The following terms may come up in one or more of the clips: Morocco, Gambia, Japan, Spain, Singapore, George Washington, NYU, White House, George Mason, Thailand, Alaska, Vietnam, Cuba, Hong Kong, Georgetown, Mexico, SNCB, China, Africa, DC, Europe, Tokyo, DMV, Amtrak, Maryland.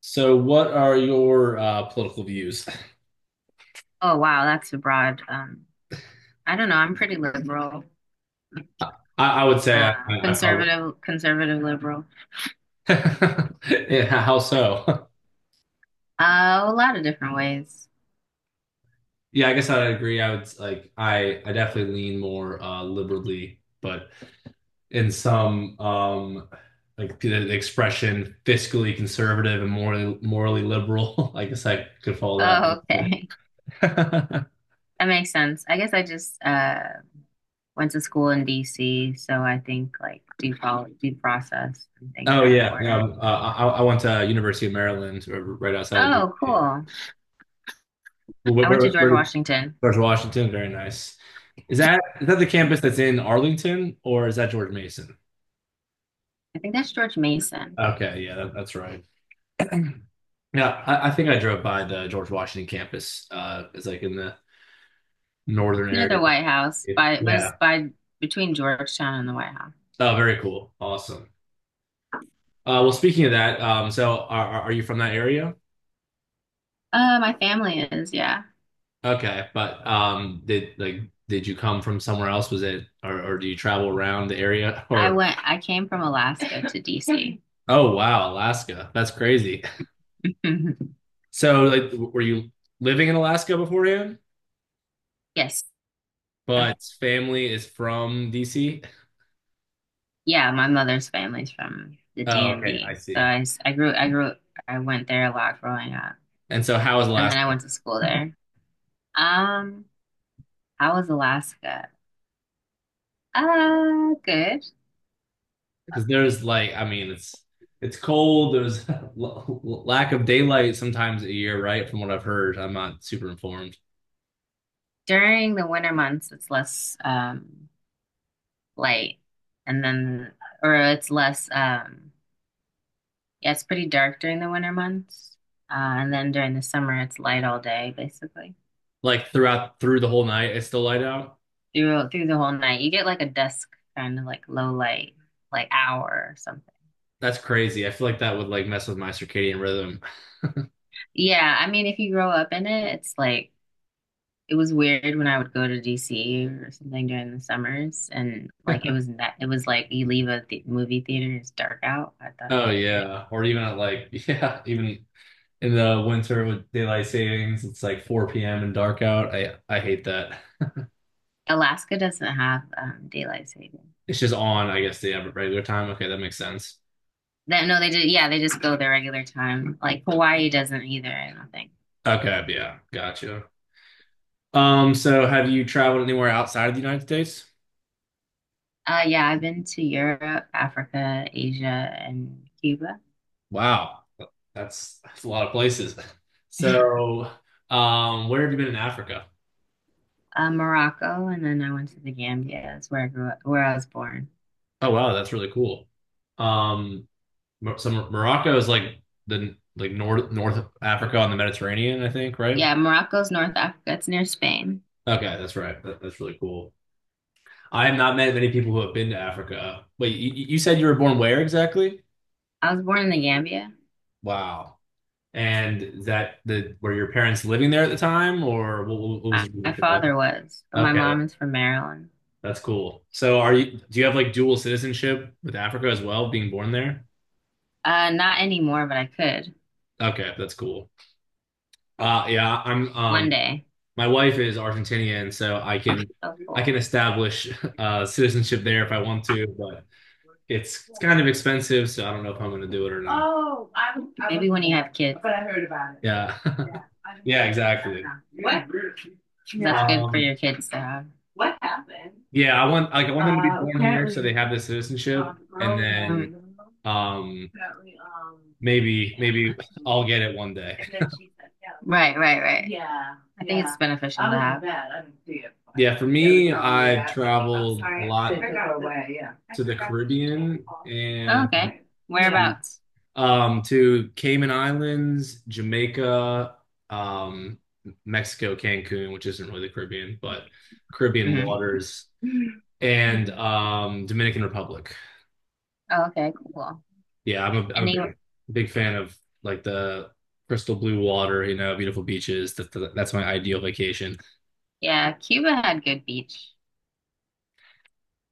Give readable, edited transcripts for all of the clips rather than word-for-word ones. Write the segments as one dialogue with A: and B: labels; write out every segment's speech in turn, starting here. A: So, what are your political views?
B: Oh wow, that's a broad. I don't know. I'm pretty liberal,
A: I, I would say I probably.
B: conservative, conservative liberal.
A: Yeah, how so?
B: A lot of different ways.
A: Yeah, I guess I'd agree. I would like I definitely lean more liberally, but in some like the expression fiscally conservative and morally liberal. I guess I could follow that a
B: Oh,
A: little
B: okay,
A: bit.
B: that makes sense. I guess I just went to school in DC, so I think like due process and things
A: Oh
B: are
A: yeah,
B: important.
A: no, I went to University of Maryland, right outside of New
B: Oh,
A: York.
B: cool.
A: Where,
B: I went to
A: where,
B: George
A: where,
B: Washington.
A: George Washington, very nice. Is that the campus that's in Arlington, or is that George Mason?
B: I think that's George Mason.
A: Okay, yeah, that's right. Yeah, I think I drove by the George Washington campus. It's like in the northern
B: Near the
A: area.
B: White House, by but it's
A: Yeah.
B: by between Georgetown and the White House.
A: Oh, very cool. Awesome. Well, speaking of that, so are you from that area?
B: My family is, yeah.
A: Okay, but did you come from somewhere else? Was it, or do you travel around the area or?
B: I came from Alaska to DC.
A: Oh wow, Alaska. That's crazy.
B: Mhm.
A: So, like, were you living in Alaska beforehand?
B: Yes.
A: But family is from DC.
B: Yeah, my mother's family's from the
A: Oh, okay, I
B: DMV. So
A: see.
B: I grew, I went there a lot growing up.
A: And so, how is
B: And then I
A: Alaska?
B: went to school there. Um, how was Alaska? Good.
A: Because there's like, I mean, it's cold. There's lack of daylight sometimes a year, right? From what I've heard, I'm not super informed.
B: During the winter months, it's less light, and then or it's less yeah, it's pretty dark during the winter months. Uh, and then during the summer, it's light all day, basically.
A: Like through the whole night, it's still light out.
B: Through the whole night. You get like a dusk, kind of like low light, like hour or something.
A: That's crazy. I feel like that would like mess with my circadian rhythm.
B: Yeah, I mean, if you grow up in it, it's like it was weird when I would go to DC or something during the summers, and like it was like you leave a th movie theater, it's dark out. I thought it
A: Oh
B: was weird.
A: yeah, or even at like yeah, even in the winter with daylight savings, it's like 4 p.m. and dark out. I hate that.
B: Alaska doesn't have daylight saving.
A: It's just on, I guess, the regular time. Okay, that makes sense.
B: That no, they did. Yeah, they just go their regular time. Like Hawaii doesn't either. I don't think.
A: Okay, yeah, gotcha. So have you traveled anywhere outside of the United States?
B: Yeah, I've been to Europe, Africa, Asia, and Cuba.
A: Wow, that's a lot of places. So, where have you been in Africa?
B: Morocco, and then I went to the Gambia. That's where I grew up, where I was born.
A: Oh wow, that's really cool. Um, Morocco is like the like north North Africa on the Mediterranean, I think, right?
B: Yeah, Morocco's North Africa. It's near Spain.
A: Okay, that's right. That's really cool. I have not met many people who have been to Africa. Wait, you said you were born where exactly?
B: I was born in the Gambia.
A: Wow. And is that the were your parents living there at the time, or what was the
B: My
A: reason for that?
B: father was, but my
A: Okay,
B: mom is from Maryland.
A: that's cool. So are you do you have like dual citizenship with Africa as well, being born there?
B: Not anymore, but I could
A: Okay, that's cool. Yeah, I'm
B: one day.
A: my wife is Argentinian, so I can
B: So
A: I
B: cool.
A: can establish citizenship there if I want to, but it's kind of expensive, so I don't know if I'm gonna do it or not.
B: Maybe when you have kids.
A: Yeah. Yeah, exactly.
B: What? That's good for
A: Um,
B: your kids to have.
A: yeah, I want them to be born here so they have the citizenship, and then
B: Mm.
A: um maybe I'll get it one day.
B: Right, right, right. I think it's beneficial to have.
A: Yeah, for me, I've traveled a lot to the Caribbean
B: Oh, okay.
A: and
B: Yeah.
A: to
B: Whereabouts?
A: to Cayman Islands, Jamaica, um Mexico, Cancun, which isn't really the Caribbean, but Caribbean
B: Hmm.
A: waters, and Dominican Republic.
B: Oh, okay, cool.
A: Yeah, I'm a, I'm
B: And
A: a
B: they,
A: big, big fan of like the crystal blue water, beautiful beaches. That's my ideal vacation.
B: yeah, Cuba had good beach.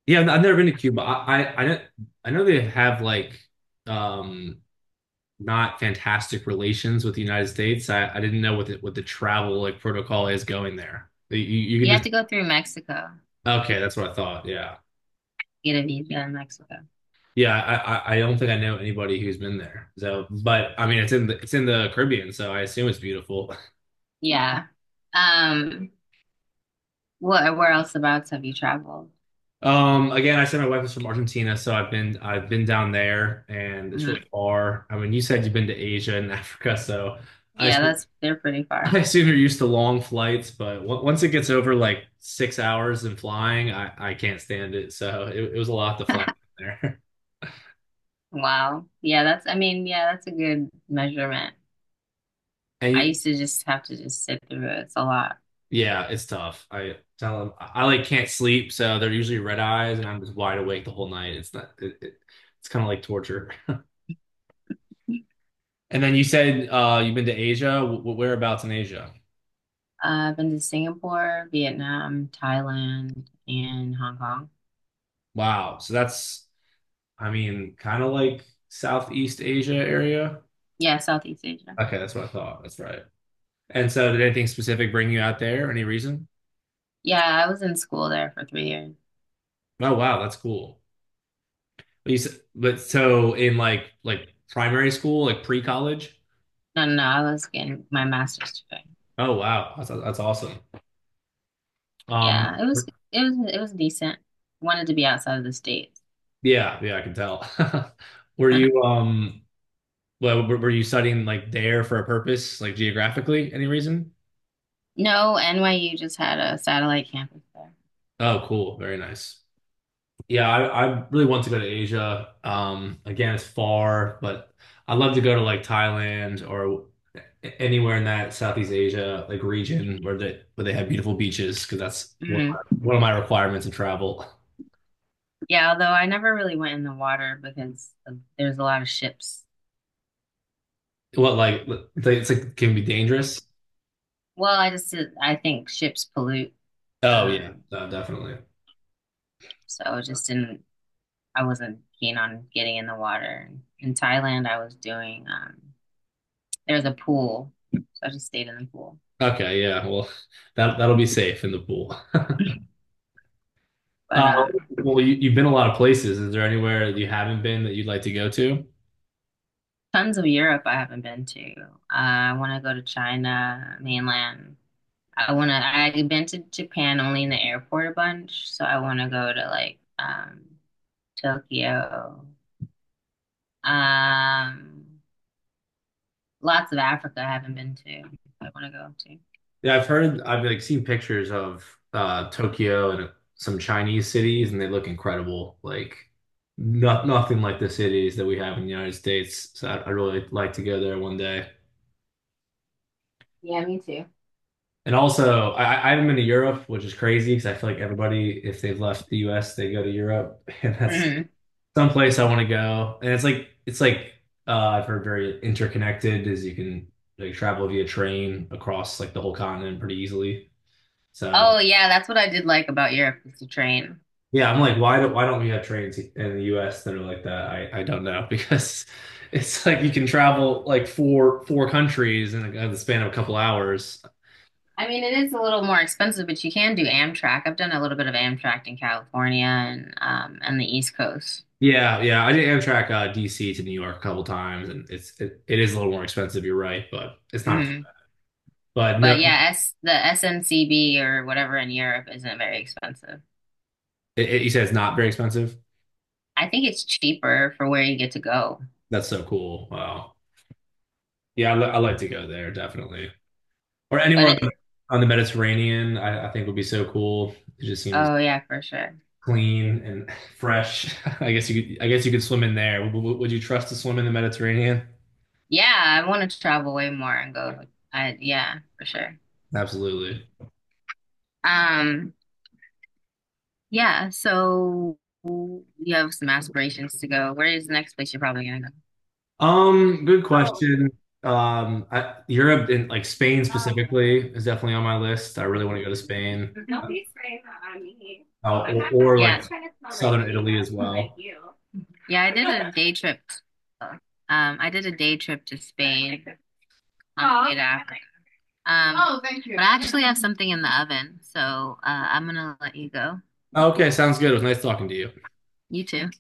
A: Yeah, I've never been to Cuba. I know they have like um not fantastic relations with the United States. I didn't know what the travel like protocol is going there. You can
B: You have
A: just.
B: to go through Mexico,
A: Okay, that's what I thought. Yeah.
B: get a visa in Mexico.
A: Yeah, I don't think I know anybody who's been there. So, but I mean, it's in the Caribbean, so I assume it's beautiful.
B: Yeah. Um, what, where else abouts have you traveled?
A: Again, I said my wife is from Argentina, so I've been down there, and it's really
B: Hmm.
A: far. I mean, you said you've been to Asia and Africa, so I
B: Yeah,
A: assume,
B: that's, they're pretty
A: I
B: far.
A: assume you're used to long flights. But once it gets over like 6 hours in flying, I can't stand it. So it was a lot to fly down there,
B: Wow. Yeah, that's, I mean, yeah, that's a good measurement.
A: and
B: I
A: you,
B: used to just have to just sit through it. It's a lot.
A: yeah, it's tough. I tell them I like can't sleep, so they're usually red eyes, and I'm just wide awake the whole night. It's not it's kind of like torture. And then you said you've been to Asia. Whereabouts in Asia?
B: I've been to Singapore, Vietnam, Thailand, and Hong Kong.
A: Wow. So that's, I mean, kind of like Southeast Asia area.
B: Yeah, Southeast Asia.
A: Okay, that's what I thought. That's right. And so, did anything specific bring you out there? Any reason?
B: Yeah, I was in school there for 3 years.
A: Oh, wow, that's cool. But, so in like primary school, like pre-college.
B: No, no, no, I was getting my master's degree.
A: Oh, wow, that's awesome.
B: Yeah,
A: Um,
B: it was decent. Wanted to be outside of the States.
A: yeah, yeah, I can tell. Were you well, were you studying like there for a purpose, like geographically? Any reason?
B: No, NYU just had a satellite campus there.
A: Oh, cool, very nice. Yeah, I really want to go to Asia. Again, it's far, but I'd love to go to like Thailand, or anywhere in that Southeast Asia like region where they have beautiful beaches, because that's one of
B: Hmm.
A: my, one of my requirements to travel.
B: Yeah, although I never really went in the water because of, there's a lot of ships.
A: What like it's like can be dangerous?
B: Well, I think ships pollute.
A: Oh yeah,
B: Um,
A: no, definitely.
B: so I just didn't, I wasn't keen on getting in the water. In Thailand, I was doing, there's a pool, so I just stayed in the pool.
A: Okay, yeah. Well, that'll be safe in the pool.
B: But
A: Uh, well, you've been a lot of places. Is there anywhere that you haven't been that you'd like to go to?
B: Tons of Europe I haven't been to. I want to go to China, mainland. I've been to Japan only in the airport a bunch, so I want to go to like Tokyo. Um, Lots of Africa I haven't been to. I want to go to.
A: Yeah, I've heard, I've like seen pictures of Tokyo and some Chinese cities, and they look incredible. Like nothing like the cities that we have in the United States. So I really like to go there one day.
B: Yeah. Yeah.
A: And also, I haven't been to Europe, which is crazy, because I feel like everybody, if they've left the U.S., they go to Europe, and that's
B: Hmm.
A: someplace I want to go. And it's like I've heard very interconnected, as you can like travel via train across like the whole continent pretty easily. So
B: Oh yeah, that's what I did like about Europe is the train.
A: yeah, I'm like, why don't we have trains in the US that are like that? I don't know because it's like you can travel like four countries in the span of a couple hours.
B: I mean, it is a little more expensive, but you can do Amtrak. I've done a little bit of Amtrak in California and the East Coast.
A: Yeah, yeah. I did Amtrak DC to New York a couple times, and it is a little more expensive. You're right, but it's not.
B: Mm-hmm.
A: But
B: But
A: no,
B: yeah, S the SNCB or whatever in Europe isn't very expensive.
A: you said it's not very expensive.
B: I think it's cheaper for where you get to go.
A: That's so cool. Wow. Yeah, I like to go there definitely, or
B: But
A: anywhere on
B: it,
A: the Mediterranean. I think would be so cool. It just seems
B: oh yeah, for sure.
A: clean and fresh. I guess you could swim in there. Would you trust to swim in the Mediterranean?
B: Yeah, I want to travel way more and go. I yeah, for sure.
A: Absolutely.
B: Um, yeah, so you have some aspirations to go. Where is the next place you're probably gonna
A: Good question. Europe and like Spain specifically is definitely on my list. I really
B: go?
A: want to go to Spain, or
B: Yeah.
A: like southern Italy as well.
B: Yeah, I did a day trip. Um, I did a day trip to Spain on Oh, Um, but I actually have something in the oven, so I'm gonna let you go.
A: Okay, sounds good. It was nice talking to you.
B: You too.